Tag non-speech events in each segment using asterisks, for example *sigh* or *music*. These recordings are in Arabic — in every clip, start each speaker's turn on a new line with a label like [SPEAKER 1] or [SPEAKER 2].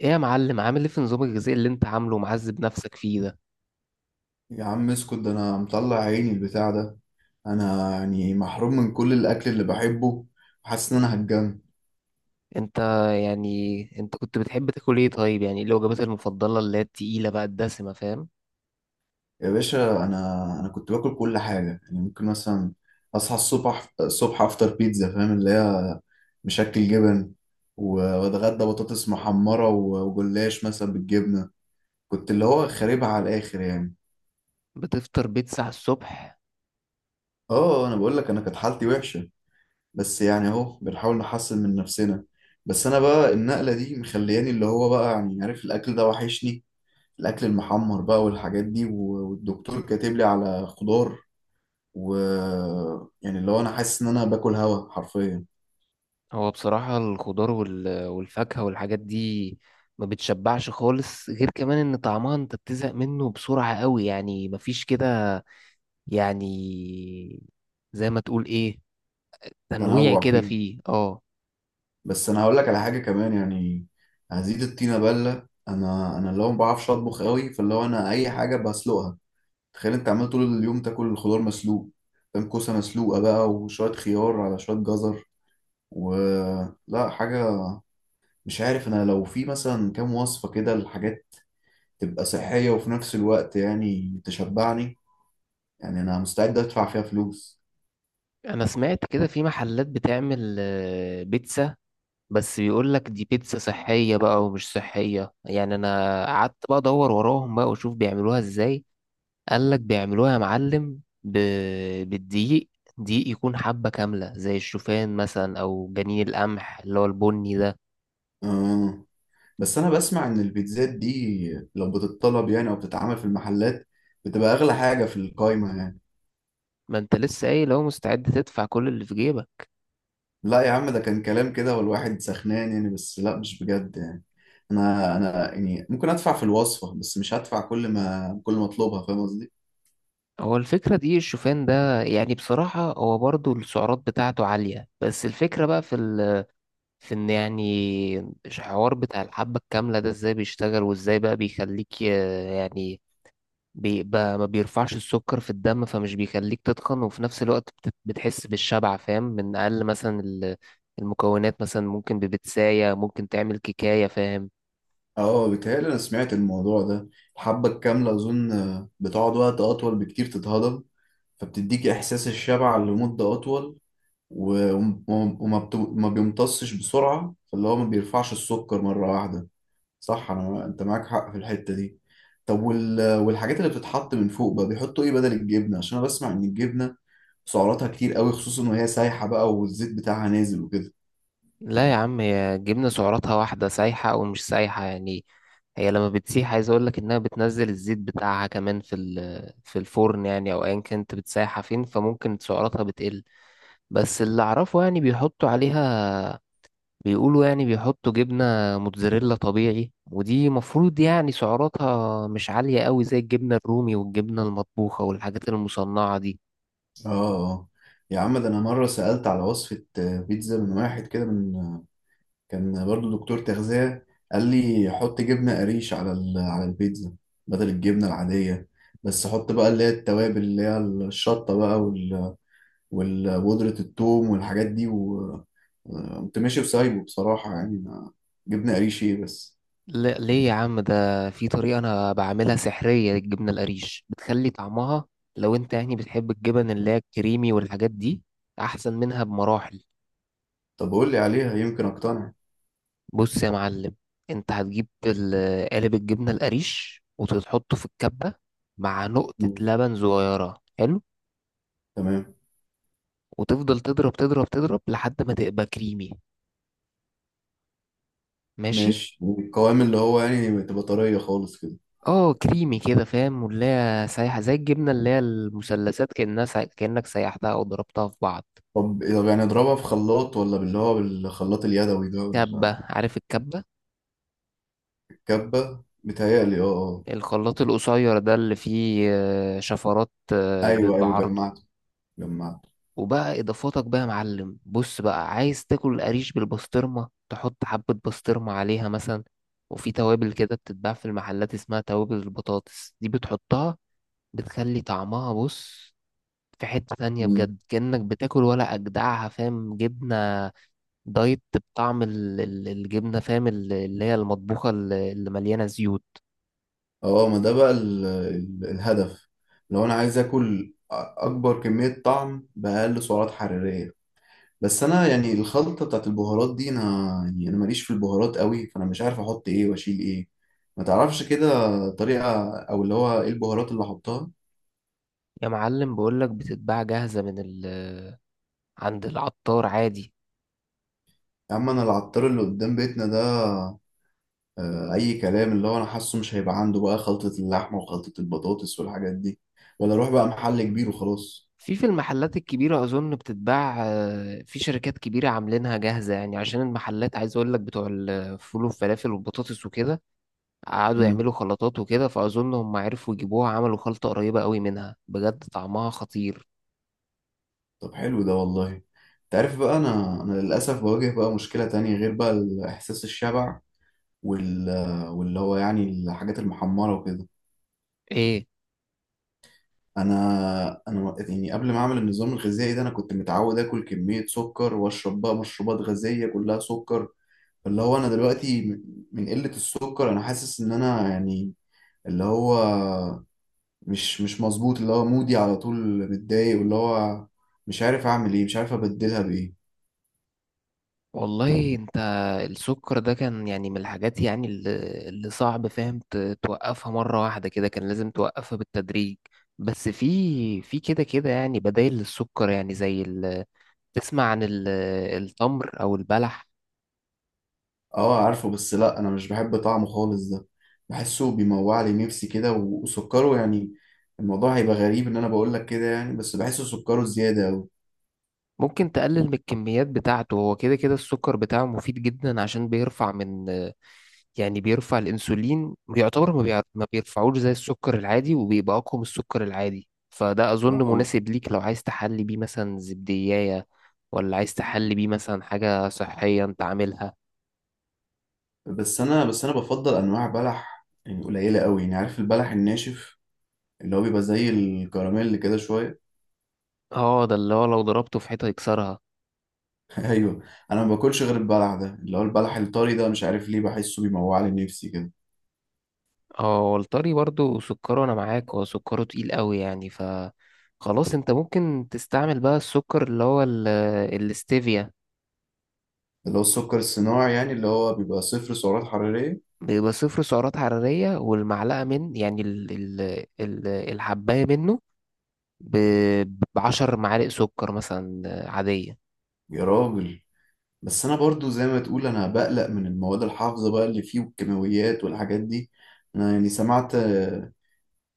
[SPEAKER 1] ايه يا معلم، عامل ايه في نظام الغذائي اللي انت عامله ومعذب نفسك فيه ده؟
[SPEAKER 2] يا عم اسكت، ده انا مطلع عيني البتاع ده. انا يعني محروم من كل الاكل اللي بحبه. حاسس ان انا هتجن.
[SPEAKER 1] انت انت كنت بتحب تاكل ايه؟ طيب، يعني ايه الوجبات المفضلة اللي هي التقيلة بقى الدسمة، فاهم؟
[SPEAKER 2] يا باشا انا كنت باكل كل حاجه، يعني ممكن مثلا اصحى الصبح الصبح افطر بيتزا، فاهم؟ اللي هي مشكل جبن و- واتغدى بطاطس محمره وجلاش مثلا بالجبنه. كنت اللي هو خاربها على الاخر يعني.
[SPEAKER 1] بتفطر بيتزا على الصبح؟
[SPEAKER 2] اه، انا بقول لك انا كانت حالتي وحشه، بس يعني اهو بنحاول نحسن من نفسنا. بس انا بقى النقلة دي مخلياني اللي هو بقى، يعني عارف، الاكل ده وحشني. الاكل المحمر بقى والحاجات دي والدكتور كاتب لي على خضار و يعني اللي هو انا حاسس ان انا باكل هوا حرفيا.
[SPEAKER 1] هو بصراحة الخضار والفاكهة والحاجات دي ما بتشبعش خالص، غير كمان ان طعمها انت بتزهق منه بسرعة قوي. يعني مفيش كده يعني، زي ما تقول ايه، تنويع
[SPEAKER 2] تنوع
[SPEAKER 1] كده
[SPEAKER 2] فيه.
[SPEAKER 1] فيه، اه.
[SPEAKER 2] بس انا هقول لك على حاجة كمان يعني، هزيد الطينة بلة. انا اللي هو ما بعرفش اطبخ قوي، فاللي هو انا اي حاجة بسلقها. تخيل انت عمال طول اليوم تاكل الخضار مسلوق، فاهم؟ كوسة مسلوقة بقى وشوية خيار على شوية جزر، ولا حاجة. مش عارف أنا لو في مثلا كام وصفة كده، الحاجات تبقى صحية وفي نفس الوقت يعني تشبعني. يعني أنا مستعد أدفع فيها فلوس.
[SPEAKER 1] انا سمعت كده في محلات بتعمل بيتزا، بس بيقول لك دي بيتزا صحية بقى ومش صحية. يعني انا قعدت بقى ادور وراهم بقى واشوف بيعملوها ازاي. قال لك بيعملوها يا معلم بالدقيق. دقيق يكون حبة كاملة، زي الشوفان مثلا او جنين القمح اللي هو البني ده.
[SPEAKER 2] آه. بس أنا بسمع إن البيتزات دي لو بتتطلب يعني أو بتتعمل في المحلات، بتبقى أغلى حاجة في القايمة يعني.
[SPEAKER 1] ما انت لسه قايل لو مستعد تدفع كل اللي في جيبك.
[SPEAKER 2] لا يا عم، ده كان كلام كده والواحد سخنان يعني، بس لا مش بجد يعني. أنا يعني ممكن أدفع في الوصفة، بس مش هدفع كل ما أطلبها، فاهم قصدي؟
[SPEAKER 1] هو الفكرة دقيق الشوفان ده، يعني بصراحة هو برضو السعرات بتاعته عالية، بس الفكرة بقى في في ان يعني الحوار بتاع الحبة الكاملة ده ازاي بيشتغل وازاي بقى يعني بيبقى ما بيرفعش السكر في الدم، فمش بيخليك تتخن، وفي نفس الوقت بتحس بالشبع، فاهم، من اقل مثلا المكونات. مثلا ممكن ببتساية ممكن تعمل كيكاية، فاهم.
[SPEAKER 2] اه، بيتهيألي أنا سمعت الموضوع ده. الحبة الكاملة أظن بتقعد وقت أطول بكتير تتهضم، فبتديك إحساس الشبع لمدة أطول. و- وم- ما بيمتصش بسرعة، فاللي هو ما بيرفعش السكر مرة واحدة. صح، أنت معاك حق في الحتة دي. طب والحاجات اللي بتتحط من فوق بقى بيحطوا إيه بدل الجبنة؟ عشان أنا بسمع إن الجبنة سعراتها كتير قوي، خصوصا وهي سايحة بقى والزيت بتاعها نازل وكده.
[SPEAKER 1] لا يا عم، هي جبنة سعراتها واحدة سايحة او مش سايحة يعني. هي لما بتسيح، عايز اقول لك انها بتنزل الزيت بتاعها كمان في الفرن يعني، او ايا كانت بتسيحها فين، فممكن سعراتها بتقل. بس اللي اعرفه يعني بيحطوا عليها، بيقولوا يعني بيحطوا جبنة موتزاريلا طبيعي، ودي مفروض يعني سعراتها مش عالية قوي زي الجبنة الرومي والجبنة المطبوخة والحاجات المصنعة دي.
[SPEAKER 2] اه. آه. يا عم، ده انا مره سالت على وصفه بيتزا من واحد كده، من كان برضو دكتور تغذية. قال لي حط جبنة قريش على على البيتزا بدل الجبنة العادية. بس حط بقى اللي هي التوابل، اللي هي الشطة بقى وبودرة الثوم والحاجات دي و آه، قمت ماشي وسايبه بصراحة يعني ما. جبنة قريش ايه بس!
[SPEAKER 1] لا ليه يا عم؟ ده في طريقة انا بعملها سحرية للجبنة القريش، بتخلي طعمها، لو انت يعني بتحب الجبن اللي هي الكريمي والحاجات دي، احسن منها بمراحل.
[SPEAKER 2] طب قول لي عليها يمكن اقتنع.
[SPEAKER 1] بص يا معلم، انت هتجيب قالب الجبنة القريش وتحطه في الكبة، مع نقطة
[SPEAKER 2] مم.
[SPEAKER 1] لبن صغيرة، حلو.
[SPEAKER 2] تمام.
[SPEAKER 1] وتفضل تضرب تضرب لحد ما تبقى كريمي، ماشي.
[SPEAKER 2] ماشي. القوام اللي هو يعني تبقى طرية خالص كده.
[SPEAKER 1] اه كريمي كده، فاهم، واللي هي سايحة زي الجبنة اللي هي المثلثات، كأنك سيحتها أو ضربتها في بعض.
[SPEAKER 2] طب يعني اضربها في خلاط، ولا باللي هو بالخلاط اليدوي ده
[SPEAKER 1] كبة،
[SPEAKER 2] ولا؟
[SPEAKER 1] عارف الكبة؟
[SPEAKER 2] الكبة متهيألي اه. آه.
[SPEAKER 1] الخلاط القصير ده اللي فيه شفرات،
[SPEAKER 2] ايوه ايوه،
[SPEAKER 1] بعرضه.
[SPEAKER 2] جمعته جمعته.
[SPEAKER 1] وبقى اضافاتك بقى يا معلم، بص بقى، عايز تاكل القريش بالبسطرمه، تحط حبه بسطرمه عليها مثلا. وفي توابل كده بتتباع في المحلات اسمها توابل البطاطس دي، بتحطها، بتخلي طعمها، بص، في حتة تانية
[SPEAKER 2] مم.
[SPEAKER 1] بجد، كأنك بتاكل ولا أجدعها، فاهم. جبنة دايت بطعم الجبنة، فاهم، اللي هي المطبوخة، اللي مليانة زيوت.
[SPEAKER 2] اه، ما ده بقى الهدف. لو انا عايز اكل اكبر كميه طعم باقل سعرات حراريه. بس انا يعني الخلطه بتاعت البهارات دي انا، يعني انا ماليش في البهارات قوي، فانا مش عارف احط ايه واشيل ايه. ما تعرفش كده طريقه، او اللي هو ايه البهارات اللي احطها؟
[SPEAKER 1] يا معلم بقولك بتتباع جاهزة عند العطار عادي.
[SPEAKER 2] يا عم انا العطار اللي قدام بيتنا ده اي كلام، اللي هو انا حاسه مش هيبقى عنده بقى خلطه اللحمه وخلطه البطاطس والحاجات دي. ولا اروح بقى محل كبير وخلاص؟
[SPEAKER 1] في المحلات الكبيرة أظن بتتباع، في شركات كبيرة عاملينها جاهزة يعني، عشان المحلات عايز أقول لك بتوع الفول والفلافل والبطاطس وكده قعدوا
[SPEAKER 2] مم.
[SPEAKER 1] يعملوا خلطات وكده، فأظن هم عرفوا يجيبوها، عملوا خلطة قريبة قوي منها، بجد طعمها خطير.
[SPEAKER 2] طب حلو ده والله. انت عارف بقى، انا للاسف بواجه بقى مشكله تانية غير بقى احساس الشبع وال واللي هو يعني الحاجات المحمره وكده.
[SPEAKER 1] إيه؟
[SPEAKER 2] انا يعني قبل ما اعمل النظام الغذائي ده انا كنت متعود اكل كميه سكر واشرب بقى مشروبات غازيه كلها سكر. اللي هو انا دلوقتي من قله السكر انا حاسس ان انا، يعني اللي هو مش مظبوط، اللي هو مودي على طول، متضايق، واللي هو مش عارف اعمل ايه، مش عارف ابدلها بايه.
[SPEAKER 1] والله انت السكر ده كان يعني من الحاجات يعني اللي صعب فاهم توقفها مرة واحدة كده، كان لازم توقفها بالتدريج. بس في في كده كده يعني بدايل للسكر، يعني تسمع عن التمر او البلح؟
[SPEAKER 2] اه عارفه، بس لا انا مش بحب طعمه خالص ده. بحسه بيموع لي نفسي كده وسكره يعني. الموضوع هيبقى غريب ان انا بقول لك كده يعني، بس بحسه سكره زياده قوي.
[SPEAKER 1] ممكن تقلل من الكميات بتاعته، هو كده كده السكر بتاعه مفيد جدا، عشان بيرفع من، يعني بيرفع الانسولين، بيعتبر ما بيرفعوش زي السكر العادي، وبيبقى اقوى من السكر العادي، فده
[SPEAKER 2] اه
[SPEAKER 1] اظن
[SPEAKER 2] اه.
[SPEAKER 1] مناسب ليك لو عايز تحلي بيه مثلا زبدية، ولا عايز تحلي بيه مثلا حاجة صحية انت عاملها.
[SPEAKER 2] بس انا بفضل انواع بلح يعني قليله قوي، يعني عارف البلح الناشف اللي هو بيبقى زي الكراميل كده شويه.
[SPEAKER 1] اه ده اللي هو لو ضربته في حيطة يكسرها.
[SPEAKER 2] *laughs* ايوه. انا ما باكلش غير البلح ده، اللي هو البلح الطري ده، مش عارف ليه بحسه بيموع لي نفسي كده.
[SPEAKER 1] اه، والطري برضو سكره، انا معاك، هو سكره تقيل قوي يعني. ف خلاص انت ممكن تستعمل بقى السكر اللي هو الاستيفيا.
[SPEAKER 2] اللي هو السكر الصناعي يعني، اللي هو بيبقى صفر سعرات حراريه.
[SPEAKER 1] بيبقى صفر سعرات حرارية، والمعلقة من يعني ال الحباية منه ب- بعشر معالق سكر مثلا، عادية.
[SPEAKER 2] يا راجل. بس انا برضو زي ما تقول، انا بقلق من المواد الحافظة بقى اللي فيه والكيماويات والحاجات دي. انا يعني سمعت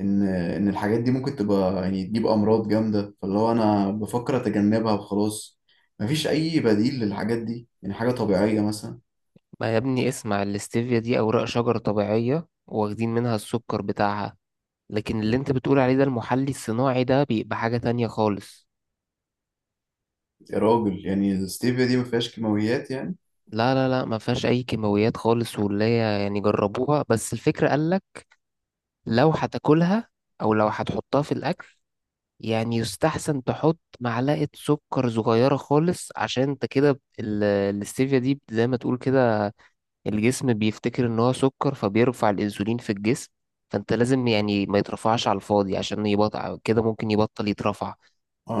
[SPEAKER 2] ان الحاجات دي ممكن تبقى يعني تجيب امراض جامدة، فاللي هو انا بفكر اتجنبها وخلاص. مفيش اي بديل للحاجات دي يعني حاجة طبيعية مثلا؟
[SPEAKER 1] ما يا ابني اسمع، الاستيفيا دي أوراق شجر طبيعية، واخدين منها السكر بتاعها، لكن اللي انت بتقول عليه ده المحلي الصناعي، ده بيبقى حاجة تانية خالص.
[SPEAKER 2] يا راجل، يعني الستيفيا دي ما فيهاش كيماويات يعني؟
[SPEAKER 1] لا ما فيهاش أي كيماويات خالص، واللي هي يعني جربوها، بس الفكرة قالك لو هتاكلها أو لو هتحطها في الأكل، يعني يستحسن تحط معلقة سكر صغيرة خالص، عشان انت كده الاستيفيا دي زي ما تقول كده الجسم بيفتكر ان هو سكر، فبيرفع الانسولين في الجسم. فانت لازم يعني ما يترفعش على الفاضي، عشان يبطل كده ممكن يبطل يترفع.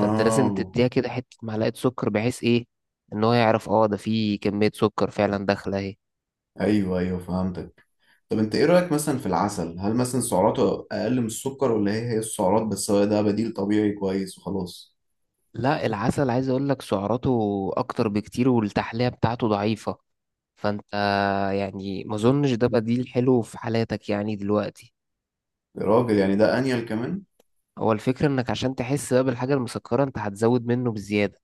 [SPEAKER 1] فانت لازم تديها كده حتة معلقة سكر، بحيث ايه، ان هو يعرف اه ده فيه كمية سكر فعلا داخلة اهي.
[SPEAKER 2] ايوه ايوه فهمتك. طب انت ايه رأيك مثلا في العسل؟ هل مثلا سعراته اقل من السكر، ولا هي هي السعرات بس هو ده بديل طبيعي كويس وخلاص؟
[SPEAKER 1] لا، العسل عايز اقول لك سعراته اكتر بكتير، والتحلية بتاعته ضعيفة، فانت يعني ما اظنش ده بقى، دي الحلو في حالاتك يعني دلوقتي.
[SPEAKER 2] يا راجل يعني ده انيل كمان.
[SPEAKER 1] هو الفكرة انك عشان تحس بقى بالحاجة المسكرة، انت هتزود منه بزيادة،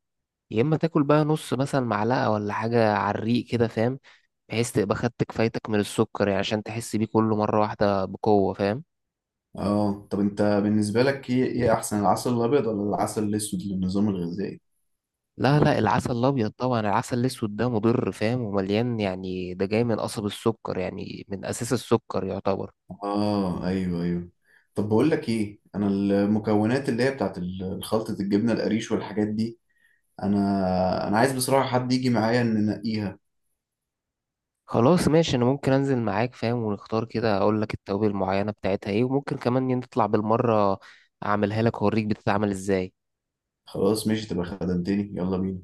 [SPEAKER 1] يا اما تاكل بقى نص مثلا معلقه ولا حاجه على الريق كده، فاهم، بحيث تبقى خدت كفايتك من السكر يعني، عشان تحس بيه كله مره واحده بقوه، فاهم.
[SPEAKER 2] اه، طب انت بالنسبة لك ايه احسن، العسل الابيض ولا العسل الاسود للنظام الغذائي؟
[SPEAKER 1] لا العسل الابيض طبعا، العسل الاسود ده مضر فاهم، ومليان يعني، ده جاي من قصب السكر، يعني من اساس السكر يعتبر.
[SPEAKER 2] اه ايوه ايوه. طب بقول لك ايه، انا المكونات اللي هي بتاعت خلطة الجبنة القريش والحاجات دي، انا عايز بصراحة حد يجي معايا ان ننقيها.
[SPEAKER 1] خلاص ماشي، انا ممكن انزل معاك فاهم، ونختار كده، اقول لك التوابل المعينه بتاعتها ايه، وممكن كمان نطلع بالمره اعملها لك اوريك بتتعمل ازاي.
[SPEAKER 2] خلاص ماشي، تبقى خدمتني. يلا بينا.